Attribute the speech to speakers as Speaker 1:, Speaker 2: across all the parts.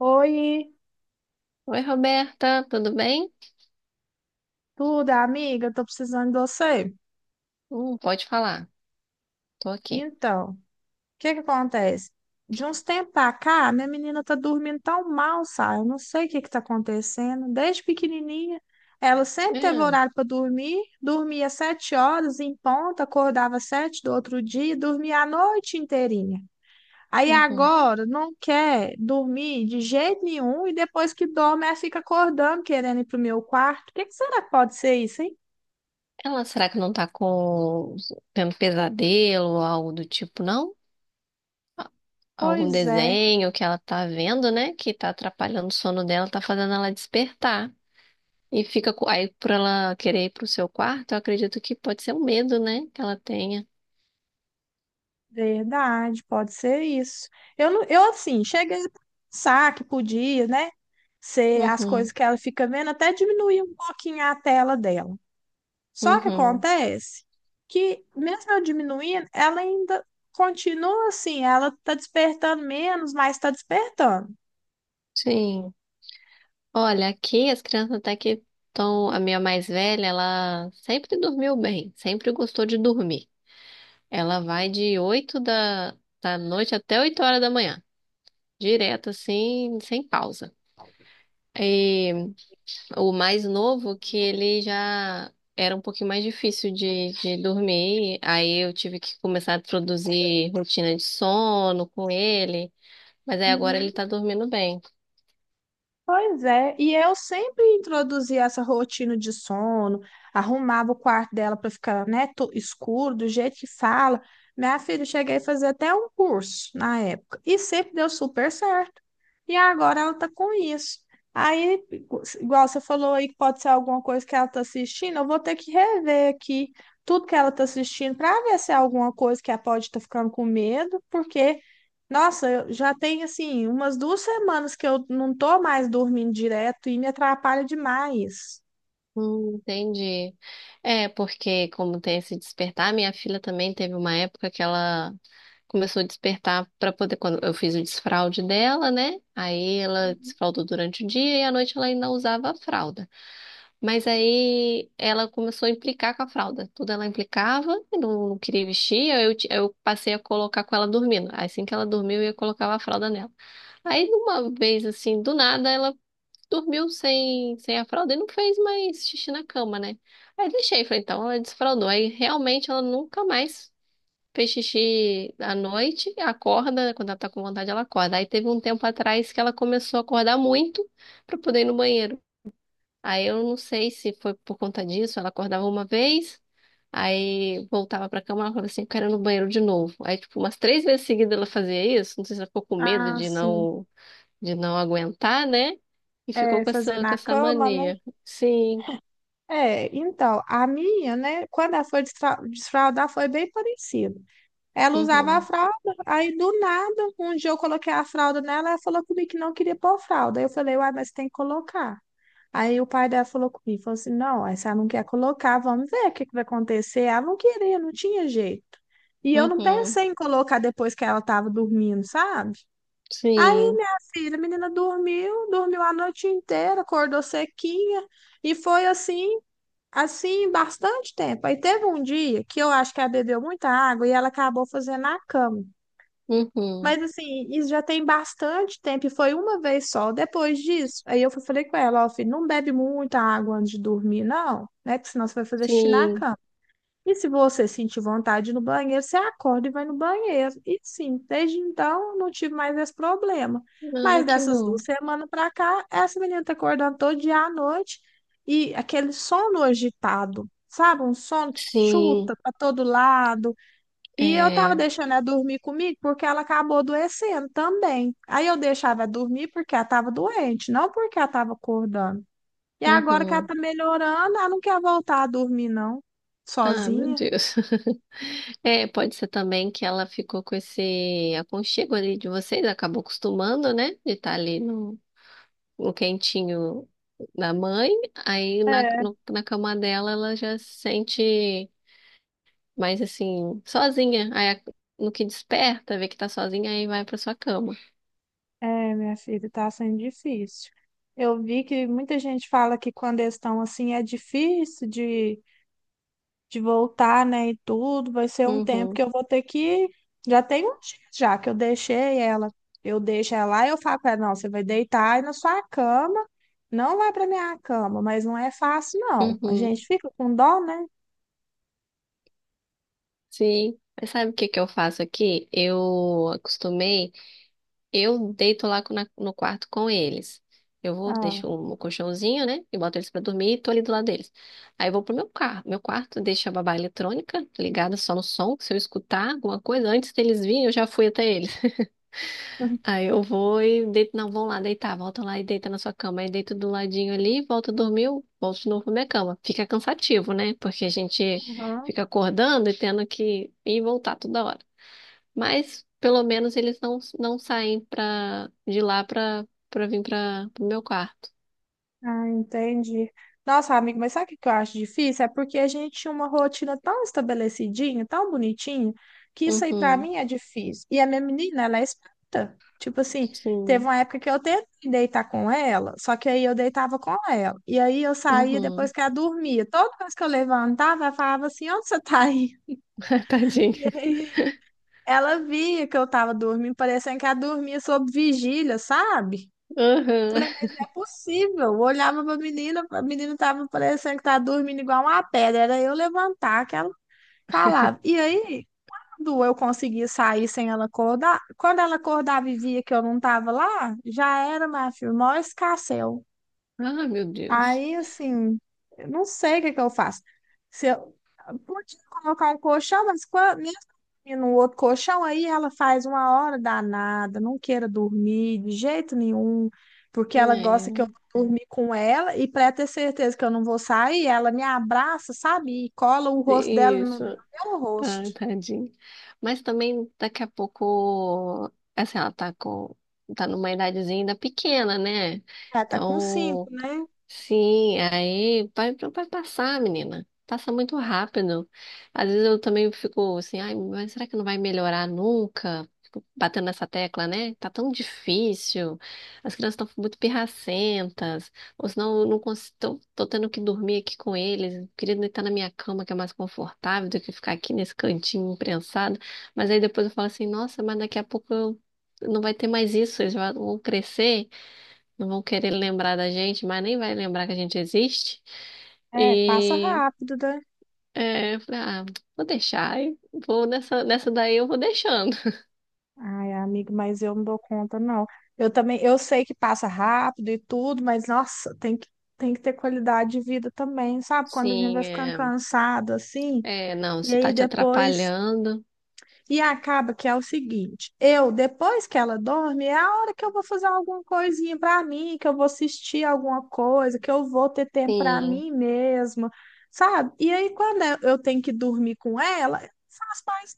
Speaker 1: Oi,
Speaker 2: Oi, Roberta, tudo bem?
Speaker 1: tudo, amiga? Tô precisando de você.
Speaker 2: Pode falar, tô aqui.
Speaker 1: Então, o que que acontece? De uns tempos pra cá, minha menina tá dormindo tão mal, sabe? Eu não sei o que que tá acontecendo. Desde pequenininha, ela sempre teve
Speaker 2: Hum,
Speaker 1: horário para dormir, dormia 7 horas em ponta, acordava 7 do outro dia, e dormia a noite inteirinha. Aí
Speaker 2: uhum.
Speaker 1: agora não quer dormir de jeito nenhum e depois que dorme, ela fica acordando, querendo ir pro meu quarto. O que que será que pode ser isso, hein?
Speaker 2: Ela, será que não tá com tendo pesadelo ou algo do tipo, não? A- Algum
Speaker 1: Pois é.
Speaker 2: desenho que ela tá vendo, né? Que tá atrapalhando o sono dela, tá fazendo ela despertar. Aí por ela querer ir pro seu quarto, eu acredito que pode ser um medo, né? Que ela tenha.
Speaker 1: Verdade, pode ser isso. Eu, não- eu assim, cheguei a pensar que podia, né? Ser as
Speaker 2: Uhum,
Speaker 1: coisas que ela fica vendo, até diminuir um pouquinho a tela dela. Só que
Speaker 2: uhum.
Speaker 1: acontece que, mesmo eu diminuindo, ela ainda continua assim, ela tá despertando menos, mas tá despertando.
Speaker 2: Sim. Olha, aqui as crianças até que estão. A minha mais velha, ela sempre dormiu bem, sempre gostou de dormir. Ela vai de 8 da noite até 8 horas da manhã, direto assim, sem pausa. E o mais novo, que ele já era um pouquinho mais difícil de dormir, aí eu tive que começar a introduzir rotina de sono com ele, mas aí agora
Speaker 1: Uhum.
Speaker 2: ele tá dormindo bem.
Speaker 1: Pois é, e eu sempre introduzia essa rotina de sono, arrumava o quarto dela para ficar, né, escuro, do jeito que fala. Minha filha, eu cheguei a fazer até um curso na época, e sempre deu super certo. E agora ela tá com isso. Aí, igual você falou aí que pode ser alguma coisa que ela tá assistindo, eu vou ter que rever aqui tudo que ela tá assistindo para ver se é alguma coisa que ela pode estar ficando com medo, porque nossa, eu já tem assim umas 2 semanas que eu não tô mais dormindo direto e me atrapalha demais.
Speaker 2: Entendi. É, porque como tem esse despertar, minha filha também teve uma época que ela começou a despertar para poder, quando eu fiz o desfralde dela, né? Aí ela desfraldou durante o dia e à noite ela ainda usava a fralda. Mas aí ela começou a implicar com a fralda. Tudo ela implicava, e não queria vestir, aí eu passei a colocar com ela dormindo. Assim que ela dormiu, eu colocava a fralda nela. Aí, de uma vez assim, do nada, ela dormiu sem a fralda e não fez mais xixi na cama, né? Aí deixei, falei, então ela desfraldou. Aí realmente ela nunca mais fez xixi à noite, acorda, quando ela tá com vontade, ela acorda. Aí teve um tempo atrás que ela começou a acordar muito pra poder ir no banheiro. Aí eu não sei se foi por conta disso, ela acordava uma vez. Aí voltava pra cama e falava assim, eu quero ir no banheiro de novo. Aí, tipo, umas três vezes seguidas ela fazia isso. Não sei se ela ficou com medo
Speaker 1: Ah,
Speaker 2: de
Speaker 1: sim.
Speaker 2: não aguentar, né? E ficou
Speaker 1: É,
Speaker 2: com
Speaker 1: fazer
Speaker 2: essa,
Speaker 1: na
Speaker 2: com essa
Speaker 1: cama, né?
Speaker 2: mania. Sim,
Speaker 1: É, então, a minha, né, quando ela foi desfraldar, foi bem parecido. Ela usava a
Speaker 2: uhum,
Speaker 1: fralda, aí do nada, um dia eu coloquei a fralda nela, ela falou comigo que não queria pôr fralda. Aí eu falei, uai, mas tem que colocar. Aí o pai dela falou comigo, falou assim, não, aí se ela não quer colocar, vamos ver o que que vai acontecer. Ela não queria, não tinha jeito. E eu não
Speaker 2: uhum,
Speaker 1: pensei em colocar depois que ela estava dormindo, sabe? Aí,
Speaker 2: sim,
Speaker 1: filha, a menina dormiu, dormiu a noite inteira, acordou sequinha, e foi bastante tempo. Aí teve um dia que eu acho que ela bebeu muita água e ela acabou fazendo a cama.
Speaker 2: uhum,
Speaker 1: Mas assim, isso já tem bastante tempo e foi uma vez só. Depois disso, aí eu falei com ela, ó, filho, não bebe muita água antes de dormir, não, né? Porque senão você vai fazer xixi na
Speaker 2: sim.
Speaker 1: cama. E se você sentir vontade no banheiro, você acorda e vai no banheiro. E sim, desde então eu não tive mais esse problema.
Speaker 2: Ai,
Speaker 1: Mas
Speaker 2: que
Speaker 1: dessas duas
Speaker 2: bom.
Speaker 1: semanas pra cá, essa menina tá acordando todo dia à noite e aquele sono agitado, sabe? Um sono que
Speaker 2: Sim,
Speaker 1: chuta pra todo lado e eu tava
Speaker 2: é,
Speaker 1: deixando ela dormir comigo porque ela acabou adoecendo também. Aí eu deixava ela dormir porque ela tava doente, não porque ela tava acordando. E agora que ela
Speaker 2: uhum.
Speaker 1: tá melhorando, ela não quer voltar a dormir, não,
Speaker 2: Ah, meu
Speaker 1: sozinha.
Speaker 2: Deus. É, pode ser também que ela ficou com esse aconchego ali de vocês, acabou acostumando, né? De estar ali no quentinho da mãe, aí na,
Speaker 1: É,
Speaker 2: no- na cama dela ela já se sente. Mas assim, sozinha. Aí no que desperta, vê que tá sozinha, aí vai pra sua cama.
Speaker 1: é, minha filha, tá sendo difícil. Eu vi que muita gente fala que quando eles estão assim é difícil de voltar, né, e tudo, vai ser um tempo
Speaker 2: Uhum,
Speaker 1: que eu vou ter que. Já tem um dia já que eu deixei ela. Eu deixo ela lá e eu falo pra ela, não, você vai deitar aí na sua cama, não vai pra minha cama, mas não é fácil, não. A gente
Speaker 2: uhum.
Speaker 1: fica com dó, né?
Speaker 2: Sim. Mas sabe o que que eu faço aqui? Eu acostumei, eu deito lá no quarto com eles. Eu vou,
Speaker 1: Ah.
Speaker 2: deixo um colchãozinho, né? E boto eles pra dormir e tô ali do lado deles. Aí eu vou pro meu quarto, deixo a babá eletrônica ligada só no som, que se eu escutar alguma coisa, antes deles virem, eu já fui até eles. Aí eu vou e deito, não, vão lá deitar, volta lá e deita na sua cama. Aí deito do ladinho ali, volta, dormiu, volto de novo pra minha cama. Fica cansativo, né? Porque a gente
Speaker 1: Aham.
Speaker 2: fica acordando e tendo que ir e voltar toda hora. Mas pelo menos eles não saem de lá pra vir pro meu quarto.
Speaker 1: Ah, entendi. Nossa, amigo, mas sabe o que que eu acho difícil? É porque a gente tinha uma rotina tão estabelecidinha, tão bonitinha, que isso aí pra
Speaker 2: Uhum,
Speaker 1: mim é difícil. E a minha menina, ela é esperta. Tipo assim, teve
Speaker 2: sim,
Speaker 1: uma época que eu tentei deitar com ela, só que aí eu deitava com ela. E aí eu saía depois
Speaker 2: uhum.
Speaker 1: que ela dormia. Toda vez que eu levantava, ela falava assim: onde você tá aí? E
Speaker 2: Tadinha.
Speaker 1: aí ela via que eu tava dormindo, parecendo que ela dormia sob vigília, sabe?
Speaker 2: Uhum.
Speaker 1: Falei, mas não é possível. Eu olhava pra menina, a menina tava parecendo que tava dormindo igual uma pedra. Era eu levantar que ela falava. E aí, quando eu conseguia sair sem ela acordar, quando ela acordava e via que eu não tava lá, já era, minha filha, o maior escarcéu.
Speaker 2: Ah, meu Deus.
Speaker 1: Aí, assim, eu não sei o que que eu faço. Se eu podia colocar um colchão, mas quando, mesmo dormindo no outro colchão, aí ela faz uma hora danada, não queira dormir de jeito nenhum, porque ela gosta que eu
Speaker 2: É,
Speaker 1: dormir com ela e para ter certeza que eu não vou sair, ela me abraça, sabe? E cola o rosto dela no
Speaker 2: isso.
Speaker 1: no meu
Speaker 2: Ai,
Speaker 1: rosto.
Speaker 2: tadinho. Mas também daqui a pouco, assim, tá numa idadezinha ainda pequena, né?
Speaker 1: Ela tá com 5,
Speaker 2: Então,
Speaker 1: né?
Speaker 2: sim, aí vai passar, menina. Passa muito rápido. Às vezes eu também fico assim, ai, mas será que não vai melhorar nunca? Fico batendo nessa tecla, né? Tá tão difícil. As crianças estão muito pirracentas. Ou senão eu não consigo, tô tendo que dormir aqui com eles. Eu queria deitar na minha cama, que é mais confortável do que ficar aqui nesse cantinho imprensado. Mas aí depois eu falo assim, nossa, mas daqui a pouco não vai ter mais isso. Eles vão crescer. Não vão querer lembrar da gente, mas nem vai lembrar que a gente existe.
Speaker 1: É, passa
Speaker 2: E
Speaker 1: rápido, né?
Speaker 2: é, eu falei, ah, vou deixar, e vou nessa daí eu vou deixando.
Speaker 1: Ai, amigo, mas eu não dou conta, não. Eu também, eu sei que passa rápido e tudo, mas nossa, tem que ter qualidade de vida também, sabe? Quando a gente vai
Speaker 2: Sim,
Speaker 1: ficando
Speaker 2: é,
Speaker 1: cansado assim,
Speaker 2: é, não,
Speaker 1: e
Speaker 2: se tá
Speaker 1: aí
Speaker 2: te
Speaker 1: depois.
Speaker 2: atrapalhando,
Speaker 1: E acaba que é o seguinte: eu, depois que ela dorme, é a hora que eu vou fazer alguma coisinha pra mim, que eu vou assistir alguma coisa, que eu vou ter tempo pra
Speaker 2: sim,
Speaker 1: mim mesma, sabe? E aí, quando eu tenho que dormir com ela,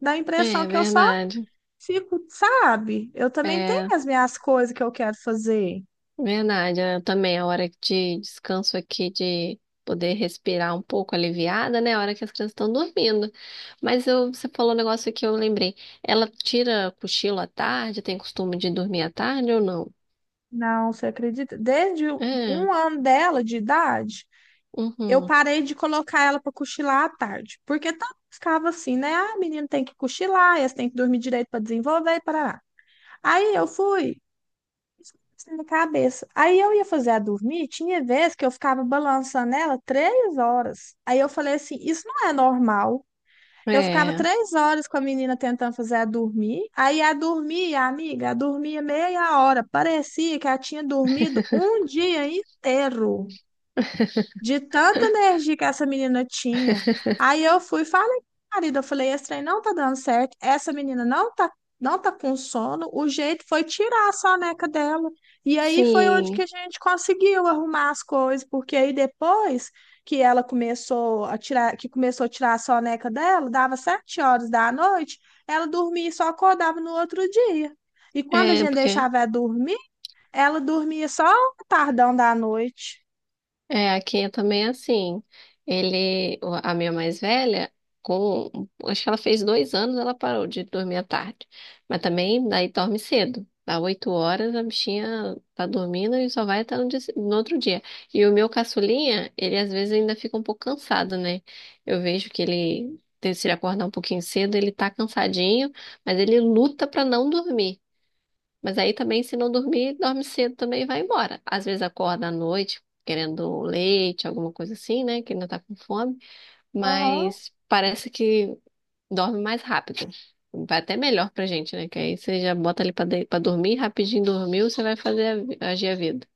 Speaker 1: dá a impressão
Speaker 2: é
Speaker 1: que eu só
Speaker 2: verdade,
Speaker 1: fico, sabe? Eu também tenho
Speaker 2: é
Speaker 1: as minhas coisas que eu quero fazer.
Speaker 2: verdade. É, também a hora de descanso aqui, de poder respirar um pouco aliviada, né? A hora que as crianças estão dormindo. Mas eu, você falou um negócio que eu lembrei. Ela tira cochilo à tarde, tem costume de dormir à tarde ou não?
Speaker 1: Não, você acredita? Desde
Speaker 2: É,
Speaker 1: 1 ano dela de idade, eu
Speaker 2: uhum,
Speaker 1: parei de colocar ela para cochilar à tarde, porque tanto ficava assim, né? Ah, menino tem que cochilar, eles têm que dormir direito para desenvolver e parará. Aí eu fui, isso na cabeça. Aí eu ia fazer a dormir, tinha vezes que eu ficava balançando ela 3 horas. Aí eu falei assim, isso não é normal. Eu ficava
Speaker 2: é.
Speaker 1: 3 horas com a menina tentando fazer ela dormir. Aí ela dormia, amiga, ela dormia meia hora. Parecia que ela tinha dormido um dia inteiro. De tanta energia que essa menina tinha. Aí eu fui e falei com o marido, eu falei, esse trem não tá dando certo, essa menina não tá, não tá com sono, o jeito foi tirar a soneca dela. E aí foi onde que
Speaker 2: Sim,
Speaker 1: a gente conseguiu arrumar as coisas, porque aí depois que começou a tirar a soneca dela, dava 7 horas da noite, ela dormia e só acordava no outro dia. E quando a
Speaker 2: é,
Speaker 1: gente deixava ela dormir, ela dormia só o tardão da noite.
Speaker 2: é, aqui eu também assim. A minha mais velha, com, acho que ela fez 2 anos, ela parou de dormir à tarde. Mas também daí dorme cedo. Dá 8 horas, a bichinha tá dormindo e só vai até no outro dia. E o meu caçulinha, ele às vezes ainda fica um pouco cansado, né? Eu vejo que se ele acordar um pouquinho cedo, ele tá cansadinho, mas ele luta pra não dormir. Mas aí também, se não dormir, dorme cedo também e vai embora. Às vezes acorda à noite querendo leite, alguma coisa assim, né? Que ainda tá com fome.
Speaker 1: Aham.
Speaker 2: Mas parece que dorme mais rápido. Vai até melhor pra gente, né? Que aí você já bota ali pra dormir, rapidinho dormiu, você vai fazer agir a vida.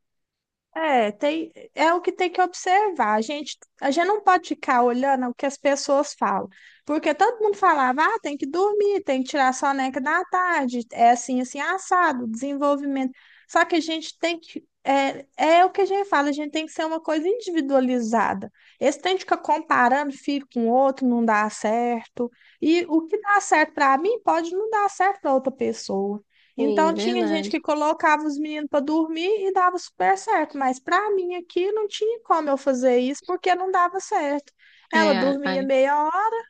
Speaker 1: É, tem, é o que tem que observar. A gente não pode ficar olhando o que as pessoas falam, porque todo mundo falava, ah, tem que dormir, tem que tirar soneca da tarde, é assim, assim, assado, desenvolvimento. Só que a gente tem que, é, é o que a gente fala, a gente tem que ser uma coisa individualizada. Esse tem que ficar comparando filho com outro, não dá certo. E o que dá certo para mim pode não dar certo para outra pessoa. Então
Speaker 2: Sim,
Speaker 1: tinha gente
Speaker 2: verdade.
Speaker 1: que colocava os meninos para dormir e dava super certo, mas para mim aqui não tinha como eu fazer isso porque não dava certo. Ela
Speaker 2: É,
Speaker 1: dormia
Speaker 2: a-
Speaker 1: meia hora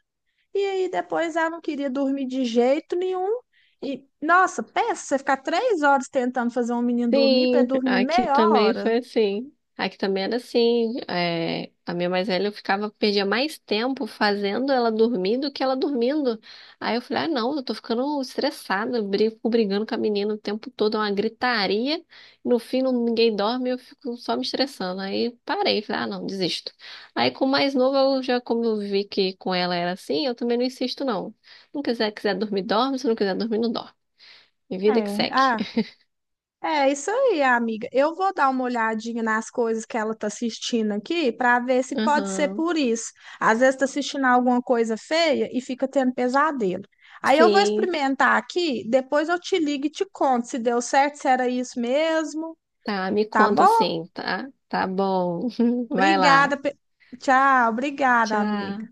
Speaker 1: e aí depois ela não queria dormir de jeito nenhum. E nossa, pensa, você ficar 3 horas tentando fazer um menino dormir para
Speaker 2: Sim,
Speaker 1: dormir
Speaker 2: aqui
Speaker 1: meia
Speaker 2: também
Speaker 1: hora.
Speaker 2: foi assim. Aqui também era assim. É, a minha mais velha eu ficava, perdia mais tempo fazendo ela dormir do que ela dormindo. Aí eu falei, ah, não, eu tô ficando estressada, eu brigo, fico brigando com a menina o tempo todo, é uma gritaria. No fim, ninguém dorme, eu fico só me estressando. Aí parei, falei, ah, não, desisto. Aí com o mais novo, eu já, como eu vi que com ela era assim, eu também não insisto, não. Quiser dormir, dorme. Se não quiser dormir, não dorme. E vida que
Speaker 1: É,
Speaker 2: segue.
Speaker 1: ah, é isso aí, amiga. Eu vou dar uma olhadinha nas coisas que ela tá assistindo aqui para ver se pode ser
Speaker 2: Aham.
Speaker 1: por isso. Às vezes tá assistindo alguma coisa feia e fica tendo pesadelo. Aí eu vou
Speaker 2: Sim,
Speaker 1: experimentar aqui, depois eu te ligo e te conto se deu certo, se era isso mesmo,
Speaker 2: tá, me
Speaker 1: tá
Speaker 2: conta
Speaker 1: bom?
Speaker 2: assim, tá? Tá bom. Vai lá.
Speaker 1: Obrigada. Tchau, obrigada, amiga.
Speaker 2: Tchau.